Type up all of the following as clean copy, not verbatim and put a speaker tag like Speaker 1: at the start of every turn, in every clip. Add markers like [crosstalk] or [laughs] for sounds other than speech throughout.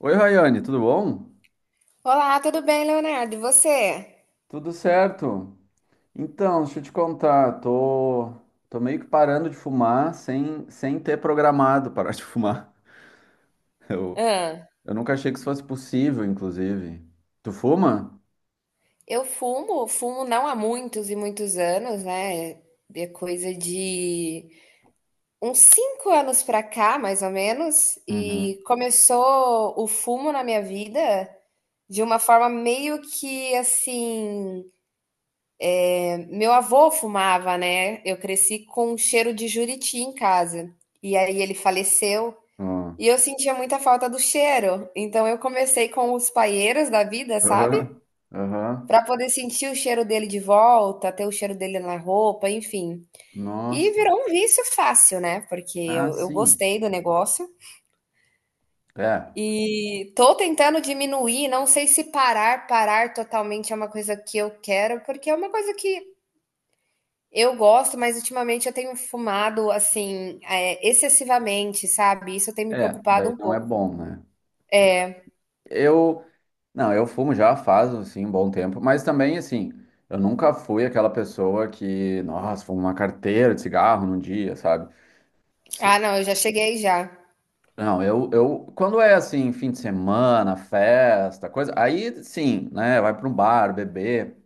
Speaker 1: Oi, Rayane, tudo bom?
Speaker 2: Olá, tudo bem, Leonardo? E você?
Speaker 1: Tudo certo? Então, deixa eu te contar, tô meio que parando de fumar sem ter programado parar de [laughs] fumar. Eu,
Speaker 2: Ah,
Speaker 1: eu nunca achei que isso fosse possível, inclusive. Tu fuma?
Speaker 2: eu fumo, fumo não há muitos e muitos anos, né? É coisa de uns 5 anos pra cá, mais ou menos,
Speaker 1: Uhum.
Speaker 2: e começou o fumo na minha vida de uma forma meio que assim. Meu avô fumava, né? Eu cresci com um cheiro de juriti em casa, e aí ele faleceu.
Speaker 1: Ó.
Speaker 2: E eu sentia muita falta do cheiro, então eu comecei com os paieiros da vida, sabe?
Speaker 1: Aham. Aham.
Speaker 2: Pra poder sentir o cheiro dele de volta, ter o cheiro dele na roupa, enfim. E
Speaker 1: Nossa.
Speaker 2: virou um vício fácil, né? Porque
Speaker 1: Ah,
Speaker 2: eu
Speaker 1: sim.
Speaker 2: gostei do negócio
Speaker 1: É.
Speaker 2: e tô tentando diminuir. Não sei se parar, parar totalmente é uma coisa que eu quero, porque é uma coisa que eu gosto, mas ultimamente eu tenho fumado assim, é, excessivamente, sabe? Isso tem me
Speaker 1: É,
Speaker 2: preocupado
Speaker 1: daí
Speaker 2: um
Speaker 1: não é
Speaker 2: pouco.
Speaker 1: bom, né? Eu, não, eu fumo já faz, assim, um bom tempo, mas também, assim, eu nunca fui aquela pessoa que, nossa, fumo uma carteira de cigarro num dia, sabe? Se-
Speaker 2: Ah, não, eu já cheguei já.
Speaker 1: Não, eu, quando é, assim, fim de semana, festa, coisa, aí, sim, né, vai para um bar, beber,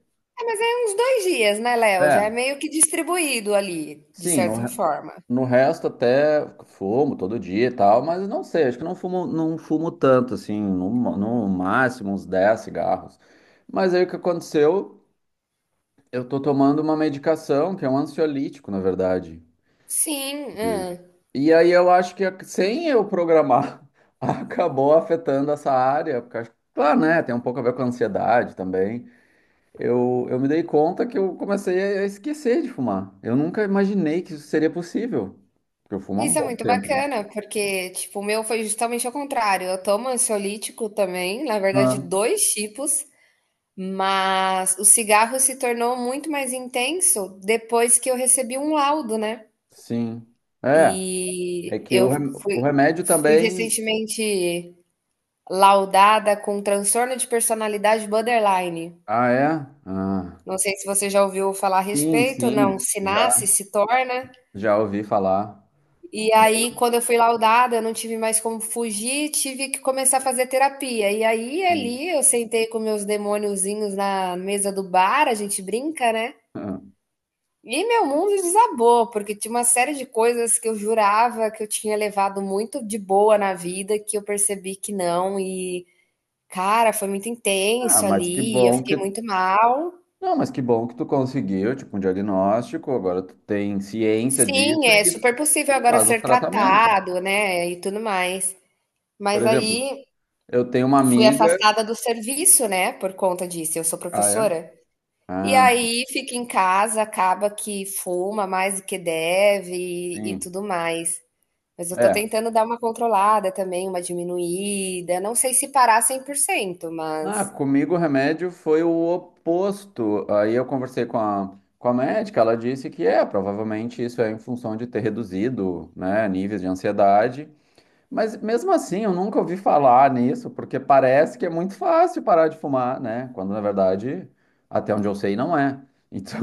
Speaker 2: É, mas é uns 2 dias, né, Léo? Já é
Speaker 1: é,
Speaker 2: meio que distribuído ali, de
Speaker 1: sim,
Speaker 2: certa forma.
Speaker 1: no resto até fumo todo dia e tal, mas não sei, acho que não fumo, não fumo tanto, assim, no máximo uns 10 cigarros. Mas aí o que aconteceu... Eu tô tomando uma medicação que é um ansiolítico, na verdade.
Speaker 2: Sim, hã.
Speaker 1: E, e aí eu acho que sem eu programar, [laughs] acabou afetando essa área, porque acho, claro, né, tem um pouco a ver com a ansiedade também. Eu me dei conta que eu comecei a esquecer de fumar. Eu nunca imaginei que isso seria possível, porque eu fumo há um
Speaker 2: Isso é
Speaker 1: bom
Speaker 2: muito
Speaker 1: tempo, né?
Speaker 2: bacana, porque, tipo, o meu foi justamente ao contrário. Eu tomo ansiolítico também, na verdade,
Speaker 1: Ah,
Speaker 2: 2 tipos, mas o cigarro se tornou muito mais intenso depois que eu recebi um laudo, né.
Speaker 1: sim. É, é
Speaker 2: E
Speaker 1: que
Speaker 2: eu fui
Speaker 1: o remédio
Speaker 2: fui
Speaker 1: também.
Speaker 2: recentemente laudada com um transtorno de personalidade borderline.
Speaker 1: Ah, é? Ah,
Speaker 2: Não sei se você já ouviu falar a
Speaker 1: sim,
Speaker 2: respeito, não,
Speaker 1: sim.
Speaker 2: se nasce, se torna.
Speaker 1: Já ouvi falar.
Speaker 2: E aí, quando eu fui laudada, eu não tive mais como fugir, tive que começar a fazer terapia. E aí,
Speaker 1: Sim.
Speaker 2: ali, eu sentei com meus demôniozinhos na mesa do bar, a gente brinca, né?
Speaker 1: [laughs]
Speaker 2: E meu mundo desabou, porque tinha uma série de coisas que eu jurava que eu tinha levado muito de boa na vida, que eu percebi que não. E, cara, foi muito
Speaker 1: Ah,
Speaker 2: intenso
Speaker 1: mas que
Speaker 2: ali, eu
Speaker 1: bom
Speaker 2: fiquei
Speaker 1: que.
Speaker 2: muito mal.
Speaker 1: Não, mas que bom que tu conseguiu, tipo, um diagnóstico, agora tu tem ciência disso
Speaker 2: Sim, é
Speaker 1: e
Speaker 2: super possível agora
Speaker 1: faz o
Speaker 2: ser
Speaker 1: tratamento.
Speaker 2: tratado, né? E tudo mais.
Speaker 1: Por
Speaker 2: Mas
Speaker 1: exemplo,
Speaker 2: aí
Speaker 1: eu tenho uma
Speaker 2: fui
Speaker 1: amiga.
Speaker 2: afastada do serviço, né, por conta disso, eu sou
Speaker 1: Ah, é?
Speaker 2: professora. E
Speaker 1: Ah,
Speaker 2: aí fica em casa, acaba que fuma mais do que deve e
Speaker 1: sim.
Speaker 2: tudo mais. Mas eu tô
Speaker 1: É.
Speaker 2: tentando dar uma controlada também, uma diminuída. Não sei se parar 100%,
Speaker 1: Ah,
Speaker 2: mas
Speaker 1: comigo o remédio foi o oposto. Aí eu conversei com a médica, ela disse que é, provavelmente isso é em função de ter reduzido, né, níveis de ansiedade. Mas mesmo assim, eu nunca ouvi falar nisso, porque parece que é muito fácil parar de fumar, né? Quando na verdade, até onde eu sei, não é.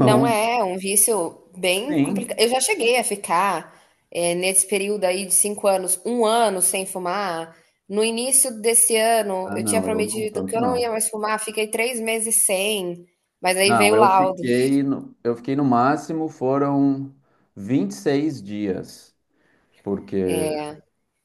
Speaker 2: não é, é um vício
Speaker 1: [laughs]
Speaker 2: bem complicado.
Speaker 1: sim.
Speaker 2: Eu já cheguei a ficar, nesse período aí de 5 anos, um ano sem fumar. No início desse ano,
Speaker 1: Ah,
Speaker 2: eu tinha
Speaker 1: não, eu não,
Speaker 2: prometido que
Speaker 1: tanto
Speaker 2: eu não
Speaker 1: não.
Speaker 2: ia mais fumar, fiquei 3 meses sem, mas aí
Speaker 1: Não,
Speaker 2: veio o laudo.
Speaker 1: eu fiquei no máximo foram 26 dias, porque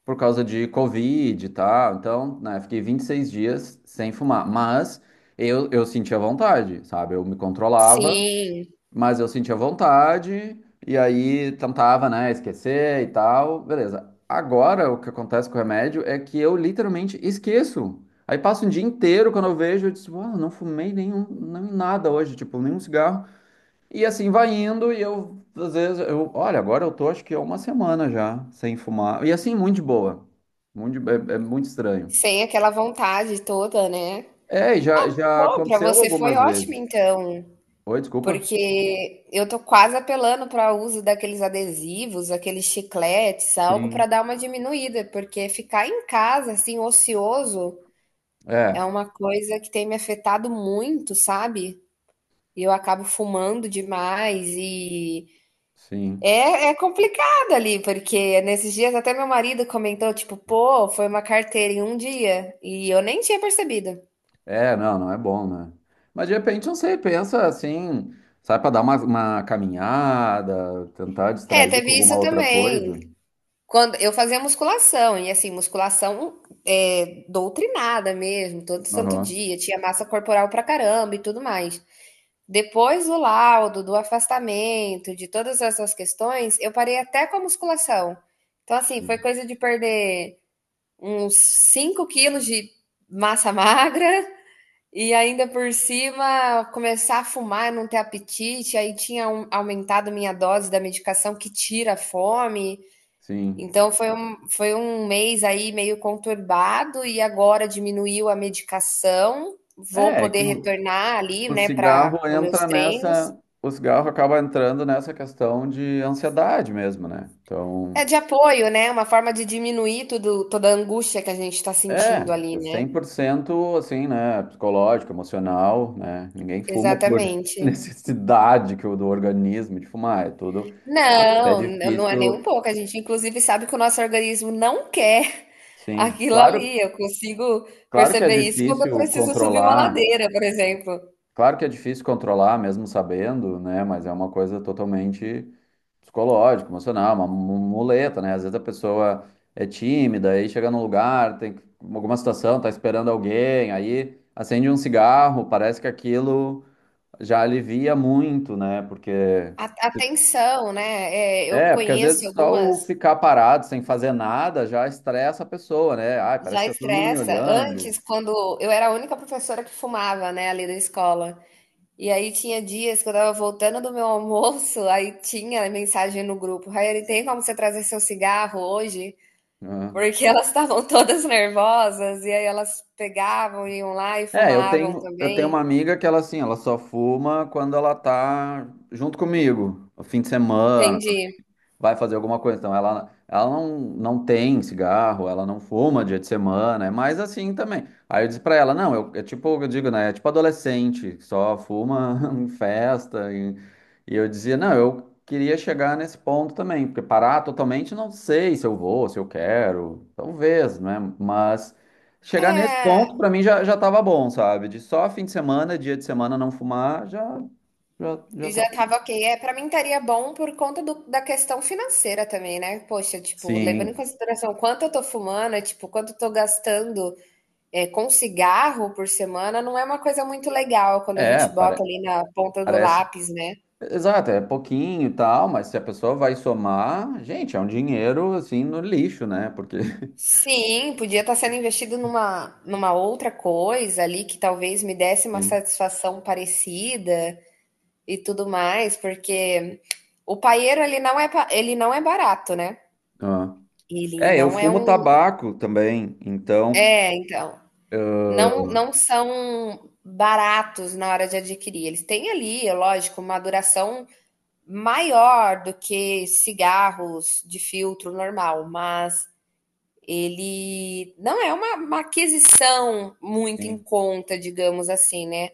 Speaker 1: por causa de Covid e tal. Então, né, fiquei 26 dias sem fumar, mas eu sentia vontade, sabe? Eu me controlava.
Speaker 2: Sim,
Speaker 1: Mas eu sentia vontade, e aí tentava, né, esquecer e tal, beleza. Agora, o que acontece com o remédio é que eu literalmente esqueço. Aí passa um dia inteiro, quando eu vejo, eu disse, uau, não fumei nenhum, nem nada hoje, tipo, nenhum cigarro. E assim vai indo, e eu, às vezes, eu, olha, agora eu tô, acho que há uma semana já, sem fumar. E assim, muito de boa. É, é muito estranho.
Speaker 2: sem aquela vontade toda, né.
Speaker 1: É, já
Speaker 2: Bom, pra
Speaker 1: aconteceu
Speaker 2: você foi
Speaker 1: algumas
Speaker 2: ótimo
Speaker 1: vezes.
Speaker 2: então.
Speaker 1: Oi, desculpa?
Speaker 2: Porque eu tô quase apelando para o uso daqueles adesivos, aqueles chicletes, algo
Speaker 1: Sim.
Speaker 2: para dar uma diminuída, porque ficar em casa, assim, ocioso, é
Speaker 1: É,
Speaker 2: uma coisa que tem me afetado muito, sabe? E eu acabo fumando demais e
Speaker 1: sim.
Speaker 2: é, é complicado ali, porque nesses dias até meu marido comentou, tipo, pô, foi uma carteira em um dia e eu nem tinha percebido.
Speaker 1: É, não, não é bom, né? Mas de repente, não sei, pensa assim, sai pra dar uma caminhada, tentar
Speaker 2: É,
Speaker 1: distrair com
Speaker 2: teve
Speaker 1: alguma
Speaker 2: isso
Speaker 1: outra
Speaker 2: também.
Speaker 1: coisa.
Speaker 2: Quando eu fazia musculação, e assim, musculação é, doutrinada mesmo, todo santo
Speaker 1: Aham.
Speaker 2: dia, tinha massa corporal pra caramba e tudo mais. Depois do laudo, do afastamento, de todas essas questões, eu parei até com a musculação. Então, assim, foi coisa de perder uns 5 quilos de massa [laughs] magra e ainda por cima começar a fumar, não ter apetite, aumentado minha dose da medicação que tira a fome.
Speaker 1: Sim.
Speaker 2: Então foi um mês aí meio conturbado e agora diminuiu a medicação. Vou
Speaker 1: É, é que
Speaker 2: poder retornar ali,
Speaker 1: o
Speaker 2: né, para
Speaker 1: cigarro
Speaker 2: para os meus
Speaker 1: entra
Speaker 2: treinos.
Speaker 1: nessa, o cigarro acaba entrando nessa questão de ansiedade mesmo, né?
Speaker 2: É
Speaker 1: Então,
Speaker 2: de apoio, né? Uma forma de diminuir tudo, toda a angústia que a gente está sentindo
Speaker 1: é,
Speaker 2: ali,
Speaker 1: é
Speaker 2: né?
Speaker 1: 100% assim, né, psicológico, emocional, né? Ninguém fuma por
Speaker 2: Exatamente.
Speaker 1: [laughs] necessidade que o do organismo de fumar, é tudo, é
Speaker 2: Não, não é nem um
Speaker 1: difícil.
Speaker 2: pouco. A gente, inclusive, sabe que o nosso organismo não quer [laughs]
Speaker 1: Sim,
Speaker 2: aquilo
Speaker 1: claro,
Speaker 2: ali. Eu consigo
Speaker 1: claro que é
Speaker 2: perceber isso quando eu
Speaker 1: difícil
Speaker 2: preciso subir uma
Speaker 1: controlar,
Speaker 2: ladeira, por exemplo.
Speaker 1: claro que é difícil controlar, mesmo sabendo, né? Mas é uma coisa totalmente psicológica, emocional, uma muleta, né? Às vezes a pessoa é tímida, aí chega num lugar, alguma situação, tá esperando alguém, aí acende um cigarro, parece que aquilo já alivia muito, né? Porque
Speaker 2: A tensão, né, eu
Speaker 1: é, porque às
Speaker 2: conheço
Speaker 1: vezes só
Speaker 2: algumas
Speaker 1: o ficar parado sem fazer nada já estressa a pessoa, né? Ai, parece
Speaker 2: já
Speaker 1: que tá todo mundo me
Speaker 2: estressa.
Speaker 1: olhando,
Speaker 2: Antes, quando eu era a única professora que fumava, né, ali da escola. E aí tinha dias que eu estava voltando do meu [laughs] almoço, aí tinha mensagem no grupo: "Raiane, tem como você trazer seu cigarro hoje?"
Speaker 1: né?
Speaker 2: Porque [laughs] elas estavam todas nervosas, e aí elas pegavam, iam lá e
Speaker 1: É,
Speaker 2: fumavam
Speaker 1: eu tenho
Speaker 2: também.
Speaker 1: uma amiga que ela assim, ela só fuma quando ela tá junto comigo, no fim de semana,
Speaker 2: Entendi.
Speaker 1: vai fazer alguma coisa. Então, ela não, não tem cigarro, ela não fuma dia de semana, é mais assim também. Aí eu disse pra ela, não, eu, é tipo, eu digo, né, é tipo adolescente, que só fuma [laughs] em festa. E eu dizia, não, eu queria chegar nesse ponto também, porque parar totalmente, não sei se eu vou, se eu quero, talvez, né, mas... Chegar nesse
Speaker 2: É.
Speaker 1: ponto, pra mim, já tava bom, sabe? De só fim de semana, dia de semana não fumar, já
Speaker 2: E já
Speaker 1: tá.
Speaker 2: tava ok. É, para mim estaria bom por conta da questão financeira também, né? Poxa, tipo, levando em
Speaker 1: Sim.
Speaker 2: consideração quanto eu tô fumando, é, tipo, quanto eu tô gastando é, com cigarro por semana, não é uma coisa muito legal quando a
Speaker 1: É,
Speaker 2: gente bota ali na ponta do
Speaker 1: parece.
Speaker 2: lápis, né?
Speaker 1: Exato, é pouquinho e tal, mas se a pessoa vai somar, gente, é um dinheiro assim no lixo, né? Porque. [laughs]
Speaker 2: Sim, podia estar sendo investido numa outra coisa ali que talvez me desse uma
Speaker 1: Sim.
Speaker 2: satisfação parecida e tudo mais, porque o paieiro ele não é, ele não é barato, né?
Speaker 1: Ah.
Speaker 2: Ele
Speaker 1: É, eu
Speaker 2: não é
Speaker 1: fumo
Speaker 2: um.
Speaker 1: tabaco também, então.
Speaker 2: É, então. Não, não são baratos na hora de adquirir. Eles têm ali, é lógico, uma duração maior do que cigarros de filtro normal, mas ele não é uma aquisição muito em
Speaker 1: Sim.
Speaker 2: conta, digamos assim, né?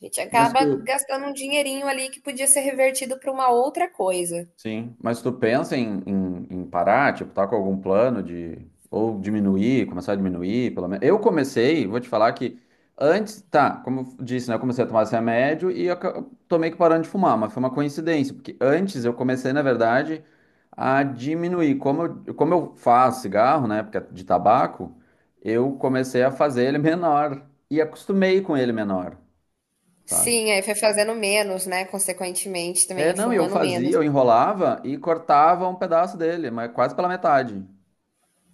Speaker 2: A gente
Speaker 1: Mas
Speaker 2: acaba
Speaker 1: tu,
Speaker 2: gastando um dinheirinho ali que podia ser revertido para uma outra coisa.
Speaker 1: sim, mas tu pensa em, em parar, tipo, tá com algum plano de ou diminuir, começar a diminuir, pelo menos. Eu comecei, vou te falar que antes, tá, como eu disse, né, eu comecei a tomar esse remédio e eu tô meio que parando de fumar, mas foi uma coincidência, porque antes eu comecei, na verdade, a diminuir. Como eu faço cigarro, né, porque é de tabaco, eu comecei a fazer ele menor e acostumei com ele menor, sabe?
Speaker 2: Sim, aí foi fazendo menos, né? Consequentemente
Speaker 1: É,
Speaker 2: também,
Speaker 1: não, e eu
Speaker 2: fumando
Speaker 1: fazia,
Speaker 2: menos.
Speaker 1: eu enrolava e cortava um pedaço dele, mas quase pela metade,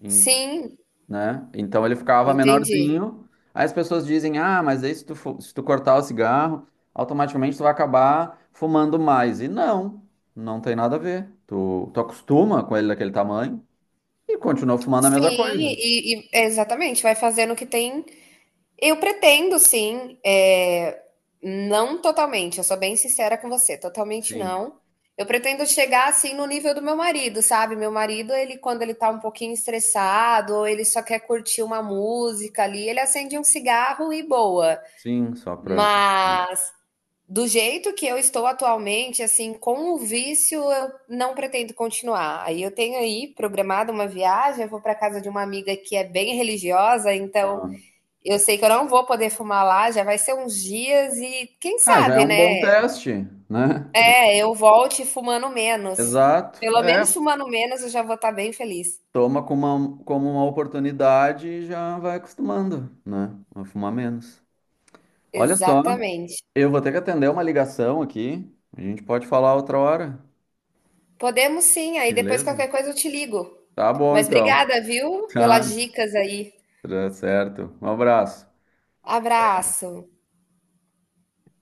Speaker 1: em-
Speaker 2: Sim,
Speaker 1: né? Então ele ficava
Speaker 2: entendi.
Speaker 1: menorzinho. Aí as pessoas dizem, ah, mas aí se se tu cortar o cigarro, automaticamente tu vai acabar fumando mais. E não, não tem nada a ver. Tu acostuma com ele daquele tamanho e continua fumando a mesma
Speaker 2: Sim,
Speaker 1: coisa.
Speaker 2: e, é, exatamente, vai fazendo o que tem. Eu pretendo, sim, é, não totalmente, eu sou bem sincera com você, totalmente
Speaker 1: Sim,
Speaker 2: não. Eu pretendo chegar assim no nível do meu marido, sabe? Meu marido, ele quando ele tá um pouquinho estressado, ou ele só quer curtir uma música ali, ele acende um cigarro e boa.
Speaker 1: sim, só pra...
Speaker 2: Mas do jeito que eu estou atualmente, assim, com o vício, eu não pretendo continuar. Aí eu tenho aí programada uma viagem, eu vou para casa de uma amiga que é bem religiosa, então eu sei que eu não vou poder fumar lá, já vai ser uns dias e quem
Speaker 1: Ah, já é
Speaker 2: sabe,
Speaker 1: um bom
Speaker 2: né?
Speaker 1: teste, né?
Speaker 2: É, eu volte fumando menos.
Speaker 1: Exato.
Speaker 2: Pelo
Speaker 1: É,
Speaker 2: menos fumando menos, eu já vou estar bem feliz.
Speaker 1: toma como uma oportunidade e já vai acostumando, né? A fumar menos. Olha só,
Speaker 2: Exatamente.
Speaker 1: eu vou ter que atender uma ligação aqui. A gente pode falar outra hora,
Speaker 2: Podemos sim, aí depois
Speaker 1: beleza?
Speaker 2: qualquer coisa eu te ligo.
Speaker 1: Tá bom,
Speaker 2: Mas
Speaker 1: então.
Speaker 2: obrigada, viu, pelas
Speaker 1: Tá,
Speaker 2: dicas aí.
Speaker 1: tá certo. Um abraço.
Speaker 2: Abraço.